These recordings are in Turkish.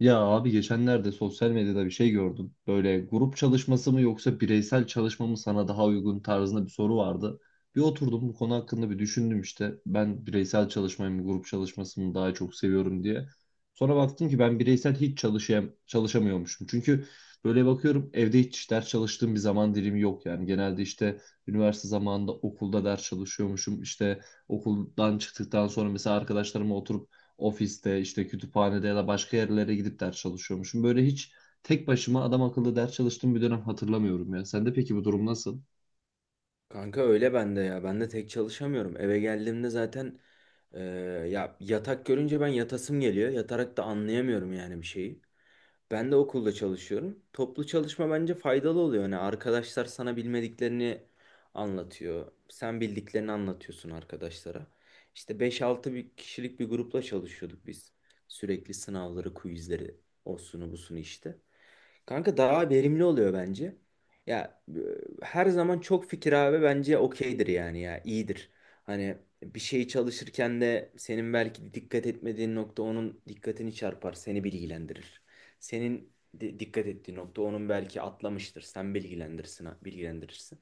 Ya abi geçenlerde sosyal medyada bir şey gördüm. Böyle grup çalışması mı yoksa bireysel çalışma mı sana daha uygun tarzında bir soru vardı. Bir oturdum bu konu hakkında bir düşündüm işte. Ben bireysel çalışmayı mı grup çalışmasını mı daha çok seviyorum diye. Sonra baktım ki ben bireysel hiç çalışayım, çalışamıyormuşum. Çünkü böyle bakıyorum evde hiç ders çalıştığım bir zaman dilimi yok yani. Genelde işte üniversite zamanında okulda ders çalışıyormuşum. İşte okuldan çıktıktan sonra mesela arkadaşlarımla oturup ofiste, işte kütüphanede ya da başka yerlere gidip ders çalışıyormuşum. Böyle hiç tek başıma adam akıllı ders çalıştığım bir dönem hatırlamıyorum ya. Sende peki bu durum nasıl? Kanka öyle bende ya. Ben de tek çalışamıyorum. Eve geldiğimde zaten e, ya yatak görünce ben yatasım geliyor. Yatarak da anlayamıyorum yani bir şeyi. Ben de okulda çalışıyorum. Toplu çalışma bence faydalı oluyor. Hani arkadaşlar sana bilmediklerini anlatıyor. Sen bildiklerini anlatıyorsun arkadaşlara. İşte beş altı bir kişilik bir grupla çalışıyorduk biz. Sürekli sınavları, quizleri, osunu busunu işte. Kanka daha verimli oluyor bence. Ya her zaman çok fikir abi bence okeydir yani ya iyidir. Hani bir şeyi çalışırken de senin belki dikkat etmediğin nokta onun dikkatini çarpar, seni bilgilendirir. Senin dikkat ettiğin nokta onun belki atlamıştır. Sen bilgilendirirsin, bilgilendirirsin.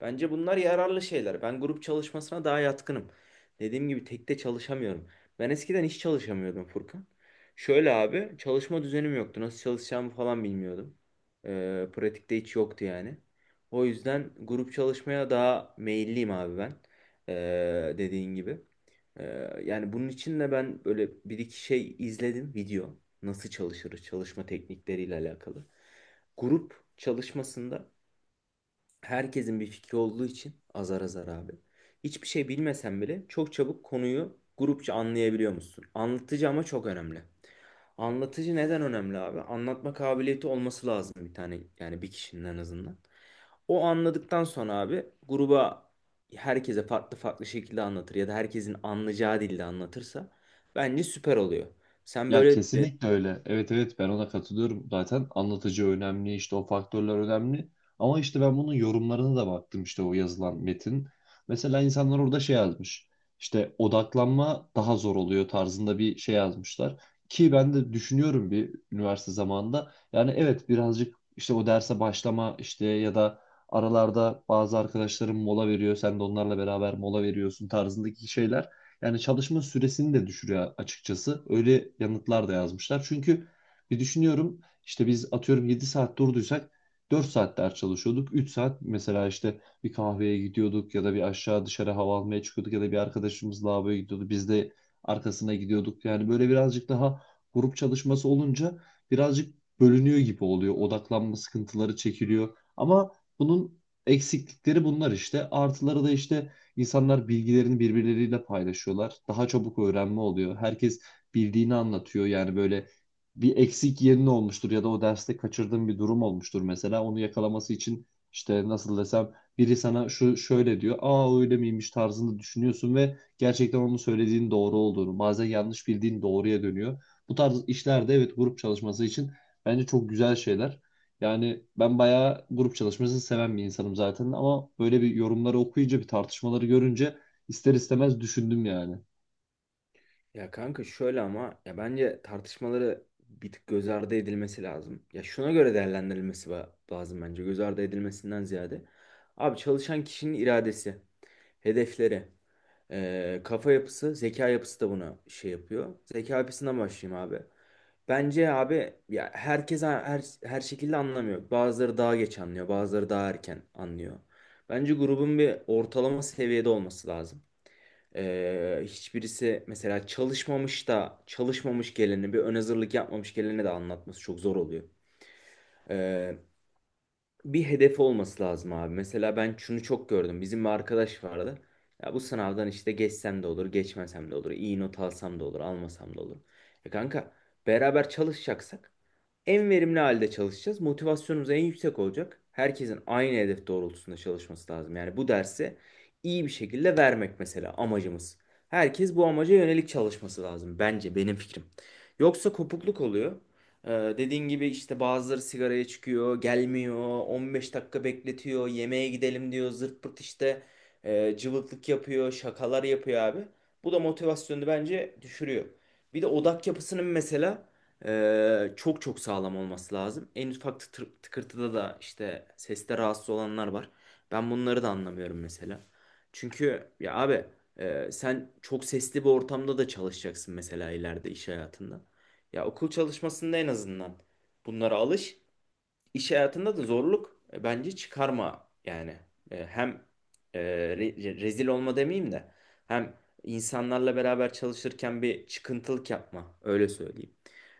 Bence bunlar yararlı şeyler. Ben grup çalışmasına daha yatkınım. Dediğim gibi tekte çalışamıyorum. Ben eskiden hiç çalışamıyordum Furkan. Şöyle abi çalışma düzenim yoktu. Nasıl çalışacağımı falan bilmiyordum. Pratikte hiç yoktu yani. O yüzden grup çalışmaya daha meyilliyim abi ben. Dediğin gibi. Yani bunun için de ben böyle bir iki şey izledim video. Nasıl çalışırız çalışma teknikleriyle alakalı. Grup çalışmasında herkesin bir fikri olduğu için azar azar abi. Hiçbir şey bilmesen bile çok çabuk konuyu grupça anlayabiliyor musun? Anlatıcı ama çok önemli. Anlatıcı neden önemli abi? Anlatma kabiliyeti olması lazım bir tane yani bir kişinin en azından. O anladıktan sonra abi gruba herkese farklı farklı şekilde anlatır ya da herkesin anlayacağı dilde anlatırsa bence süper oluyor. Sen Ya böyle kesinlikle öyle. Evet evet, ben ona katılıyorum. Zaten anlatıcı önemli, işte o faktörler önemli. Ama işte ben bunun yorumlarına da baktım, işte o yazılan metin. Mesela insanlar orada şey yazmış. İşte odaklanma daha zor oluyor tarzında bir şey yazmışlar. Ki ben de düşünüyorum bir üniversite zamanında. Yani evet, birazcık işte o derse başlama işte ya da aralarda bazı arkadaşlarım mola veriyor. Sen de onlarla beraber mola veriyorsun tarzındaki şeyler yani çalışma süresini de düşürüyor açıkçası. Öyle yanıtlar da yazmışlar. Çünkü bir düşünüyorum işte, biz atıyorum 7 saat durduysak 4 saat ders çalışıyorduk. 3 saat mesela işte bir kahveye gidiyorduk ya da bir aşağı dışarı hava almaya çıkıyorduk ya da bir arkadaşımız lavaboya gidiyordu. Biz de arkasına gidiyorduk. Yani böyle birazcık daha grup çalışması olunca birazcık bölünüyor gibi oluyor. Odaklanma sıkıntıları çekiliyor. Ama bunun eksiklikleri bunlar işte. Artıları da işte, İnsanlar bilgilerini birbirleriyle paylaşıyorlar. Daha çabuk öğrenme oluyor. Herkes bildiğini anlatıyor. Yani böyle bir eksik yerin olmuştur ya da o derste kaçırdığın bir durum olmuştur mesela. Onu yakalaması için işte, nasıl desem, biri sana şu şöyle diyor. Aa öyle miymiş tarzında düşünüyorsun ve gerçekten onun söylediğin doğru olduğunu, bazen yanlış bildiğin doğruya dönüyor. Bu tarz işlerde evet, grup çalışması için bence çok güzel şeyler. Yani ben bayağı grup çalışmasını seven bir insanım zaten, ama böyle bir yorumları okuyunca, bir tartışmaları görünce ister istemez düşündüm yani. ya kanka şöyle ama ya bence tartışmaları bir tık göz ardı edilmesi lazım. Ya şuna göre değerlendirilmesi lazım bence göz ardı edilmesinden ziyade. Abi çalışan kişinin iradesi, hedefleri, kafa yapısı, zeka yapısı da buna şey yapıyor. Zeka yapısından başlayayım abi. Bence abi ya herkes her şekilde anlamıyor. Bazıları daha geç anlıyor, bazıları daha erken anlıyor. Bence grubun bir ortalama seviyede olması lazım. Hiçbirisi mesela çalışmamış da çalışmamış geleni bir ön hazırlık yapmamış geleni de anlatması çok zor oluyor. Ee, Bir hedef olması lazım abi. Mesela ben şunu çok gördüm. Bizim bir arkadaş vardı. Ya bu sınavdan işte geçsem de olur, geçmesem de olur, iyi not alsam da olur, almasam da olur. E kanka beraber çalışacaksak en verimli halde çalışacağız. Motivasyonumuz en yüksek olacak. Herkesin aynı hedef doğrultusunda çalışması lazım. Yani bu dersi iyi bir şekilde vermek mesela amacımız. Herkes bu amaca yönelik çalışması lazım bence benim fikrim. Yoksa kopukluk oluyor. Ee, Dediğin gibi işte bazıları sigaraya çıkıyor, gelmiyor, 15 dakika bekletiyor, yemeğe gidelim diyor, zırt pırt işte cıvıklık yapıyor, şakalar yapıyor abi. Bu da motivasyonu bence düşürüyor. Bir de odak yapısının mesela çok çok sağlam olması lazım. En ufak tıkırtıda da işte seste rahatsız olanlar var. Ben bunları da anlamıyorum mesela. Çünkü ya abi sen çok sesli bir ortamda da çalışacaksın mesela ileride iş hayatında. Ya okul çalışmasında en azından bunlara alış. İş hayatında da zorluk bence çıkarma yani. Hem e, rezil olma demeyeyim de hem insanlarla beraber çalışırken bir çıkıntılık yapma öyle söyleyeyim.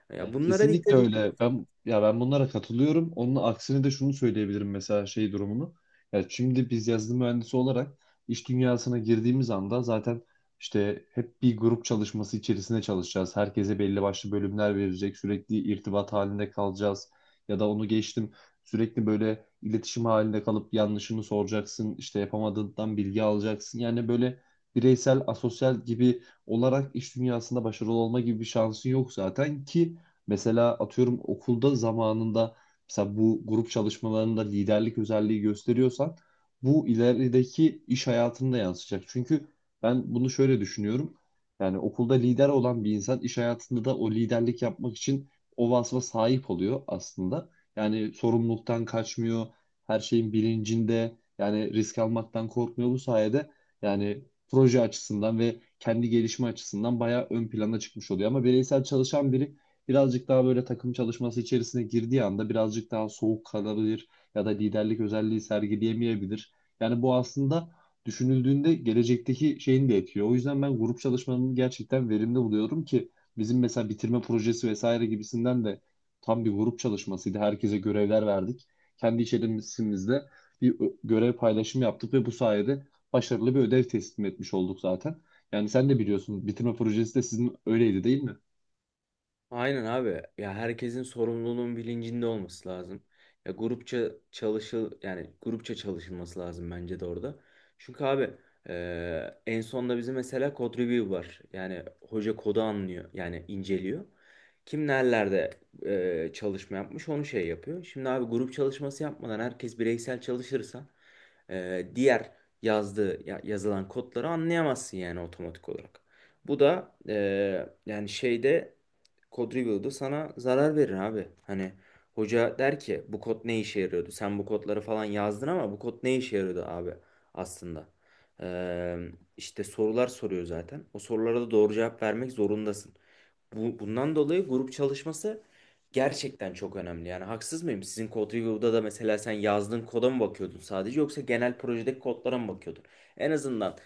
Ya Ya bunlara dikkat kesinlikle edin. öyle. Ben, ya, ben bunlara katılıyorum. Onun aksine de şunu söyleyebilirim mesela, şey durumunu. Ya şimdi biz yazılım mühendisi olarak iş dünyasına girdiğimiz anda zaten işte hep bir grup çalışması içerisinde çalışacağız. Herkese belli başlı bölümler verecek. Sürekli irtibat halinde kalacağız. Ya da onu geçtim. Sürekli böyle iletişim halinde kalıp yanlışını soracaksın. İşte yapamadığından bilgi alacaksın. Yani böyle bireysel, asosyal gibi olarak iş dünyasında başarılı olma gibi bir şansın yok zaten ki. Mesela atıyorum okulda zamanında, mesela bu grup çalışmalarında liderlik özelliği gösteriyorsan, bu ilerideki iş hayatında yansıyacak. Çünkü ben bunu şöyle düşünüyorum. Yani okulda lider olan bir insan iş hayatında da o liderlik yapmak için o vasfa sahip oluyor aslında. Yani sorumluluktan kaçmıyor, her şeyin bilincinde, yani risk almaktan korkmuyor bu sayede. Yani proje açısından ve kendi gelişme açısından bayağı ön plana çıkmış oluyor. Ama bireysel çalışan biri birazcık daha böyle takım çalışması içerisine girdiği anda birazcık daha soğuk kalabilir ya da liderlik özelliği sergileyemeyebilir. Yani bu aslında düşünüldüğünde gelecekteki şeyini de etkiliyor. O yüzden ben grup çalışmanın gerçekten verimli buluyorum ki bizim mesela bitirme projesi vesaire gibisinden de tam bir grup çalışmasıydı. Herkese görevler verdik. Kendi içerimizde görev paylaşımı yaptık ve bu sayede başarılı bir ödev teslim etmiş olduk zaten. Yani sen de biliyorsun, bitirme projesi de sizin öyleydi değil mi? Aynen abi. Ya herkesin sorumluluğunun bilincinde olması lazım. Ya grupça çalışılması lazım bence de orada. Çünkü abi en sonda bizim mesela code review var. Yani hoca kodu anlıyor. Yani inceliyor. Kim nerelerde çalışma yapmış onu şey yapıyor. Şimdi abi grup çalışması yapmadan herkes bireysel çalışırsa diğer yazılan kodları anlayamazsın yani otomatik olarak. Bu da e, yani şeyde kod review'da sana zarar verir abi. Hani hoca der ki bu kod ne işe yarıyordu? Sen bu kodları falan yazdın ama bu kod ne işe yarıyordu abi aslında? Ee, işte sorular soruyor zaten. O sorulara da doğru cevap vermek zorundasın. Bundan dolayı grup çalışması gerçekten çok önemli. Yani haksız mıyım? Sizin kod review'da da mesela sen yazdığın koda mı bakıyordun sadece yoksa genel projedeki kodlara mı bakıyordun? En azından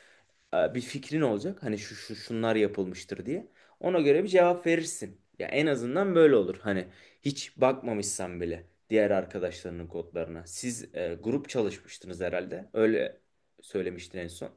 bir fikrin olacak. Hani şu şu şunlar yapılmıştır diye. Ona göre bir cevap verirsin. Ya en azından böyle olur. Hani hiç bakmamışsan bile diğer arkadaşlarının kodlarına. Siz grup çalışmıştınız herhalde. Öyle söylemiştin en son.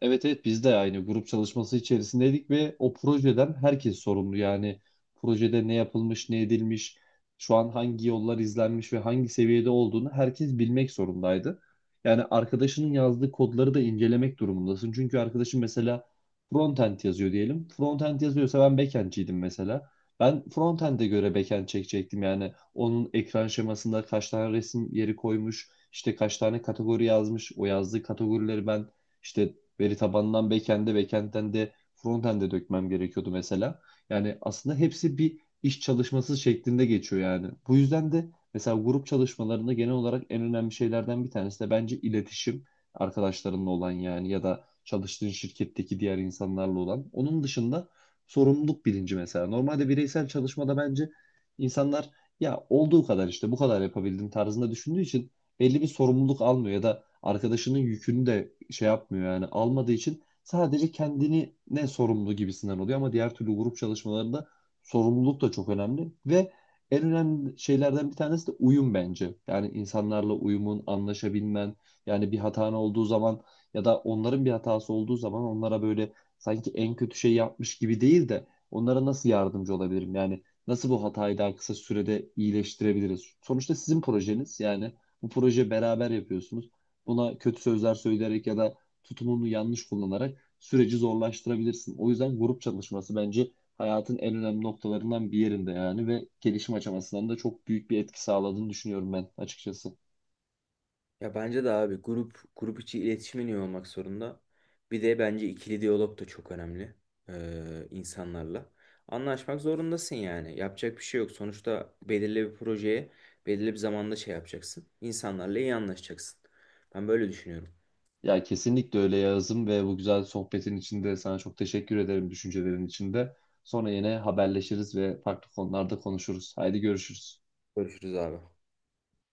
Evet evet, biz de aynı grup çalışması içerisindeydik ve o projeden herkes sorumlu. Yani projede ne yapılmış, ne edilmiş, şu an hangi yollar izlenmiş ve hangi seviyede olduğunu herkes bilmek zorundaydı. Yani arkadaşının yazdığı kodları da incelemek durumundasın. Çünkü arkadaşın mesela frontend yazıyor diyelim. Frontend yazıyorsa ben backend'ciydim mesela. Ben frontend'e göre backend çekecektim. Yani onun ekran şemasında kaç tane resim yeri koymuş, işte kaç tane kategori yazmış, o yazdığı kategorileri ben işte veri tabanından backend'e, backend'den de frontend'e dökmem gerekiyordu mesela. Yani aslında hepsi bir iş çalışması şeklinde geçiyor yani. Bu yüzden de mesela grup çalışmalarında genel olarak en önemli şeylerden bir tanesi de bence iletişim, arkadaşlarınla olan yani, ya da çalıştığın şirketteki diğer insanlarla olan. Onun dışında sorumluluk bilinci mesela. Normalde bireysel çalışmada bence insanlar ya olduğu kadar işte bu kadar yapabildim tarzında düşündüğü için belli bir sorumluluk almıyor ya da arkadaşının yükünü de şey yapmıyor yani, almadığı için sadece kendini ne sorumlu gibisinden oluyor, ama diğer türlü grup çalışmalarında sorumluluk da çok önemli ve en önemli şeylerden bir tanesi de uyum bence. Yani insanlarla uyumun, anlaşabilmen, yani bir hatan olduğu zaman ya da onların bir hatası olduğu zaman onlara böyle sanki en kötü şey yapmış gibi değil de, onlara nasıl yardımcı olabilirim? Yani nasıl bu hatayı daha kısa sürede iyileştirebiliriz? Sonuçta sizin projeniz yani, bu proje beraber yapıyorsunuz. Buna kötü sözler söyleyerek ya da tutumunu yanlış kullanarak süreci zorlaştırabilirsin. O yüzden grup çalışması bence hayatın en önemli noktalarından bir yerinde yani, ve gelişim aşamasından da çok büyük bir etki sağladığını düşünüyorum ben açıkçası. Ya bence de abi grup içi iletişimin iyi olmak zorunda. Bir de bence ikili diyalog da çok önemli insanlarla. Anlaşmak zorundasın yani. Yapacak bir şey yok. Sonuçta belirli bir projeye belirli bir zamanda şey yapacaksın. İnsanlarla iyi anlaşacaksın. Ben böyle düşünüyorum. Ya kesinlikle öyle Yağız'ım, ve bu güzel sohbetin içinde sana çok teşekkür ederim, düşüncelerin içinde. Sonra yine haberleşiriz ve farklı konularda konuşuruz. Haydi görüşürüz. Görüşürüz abi.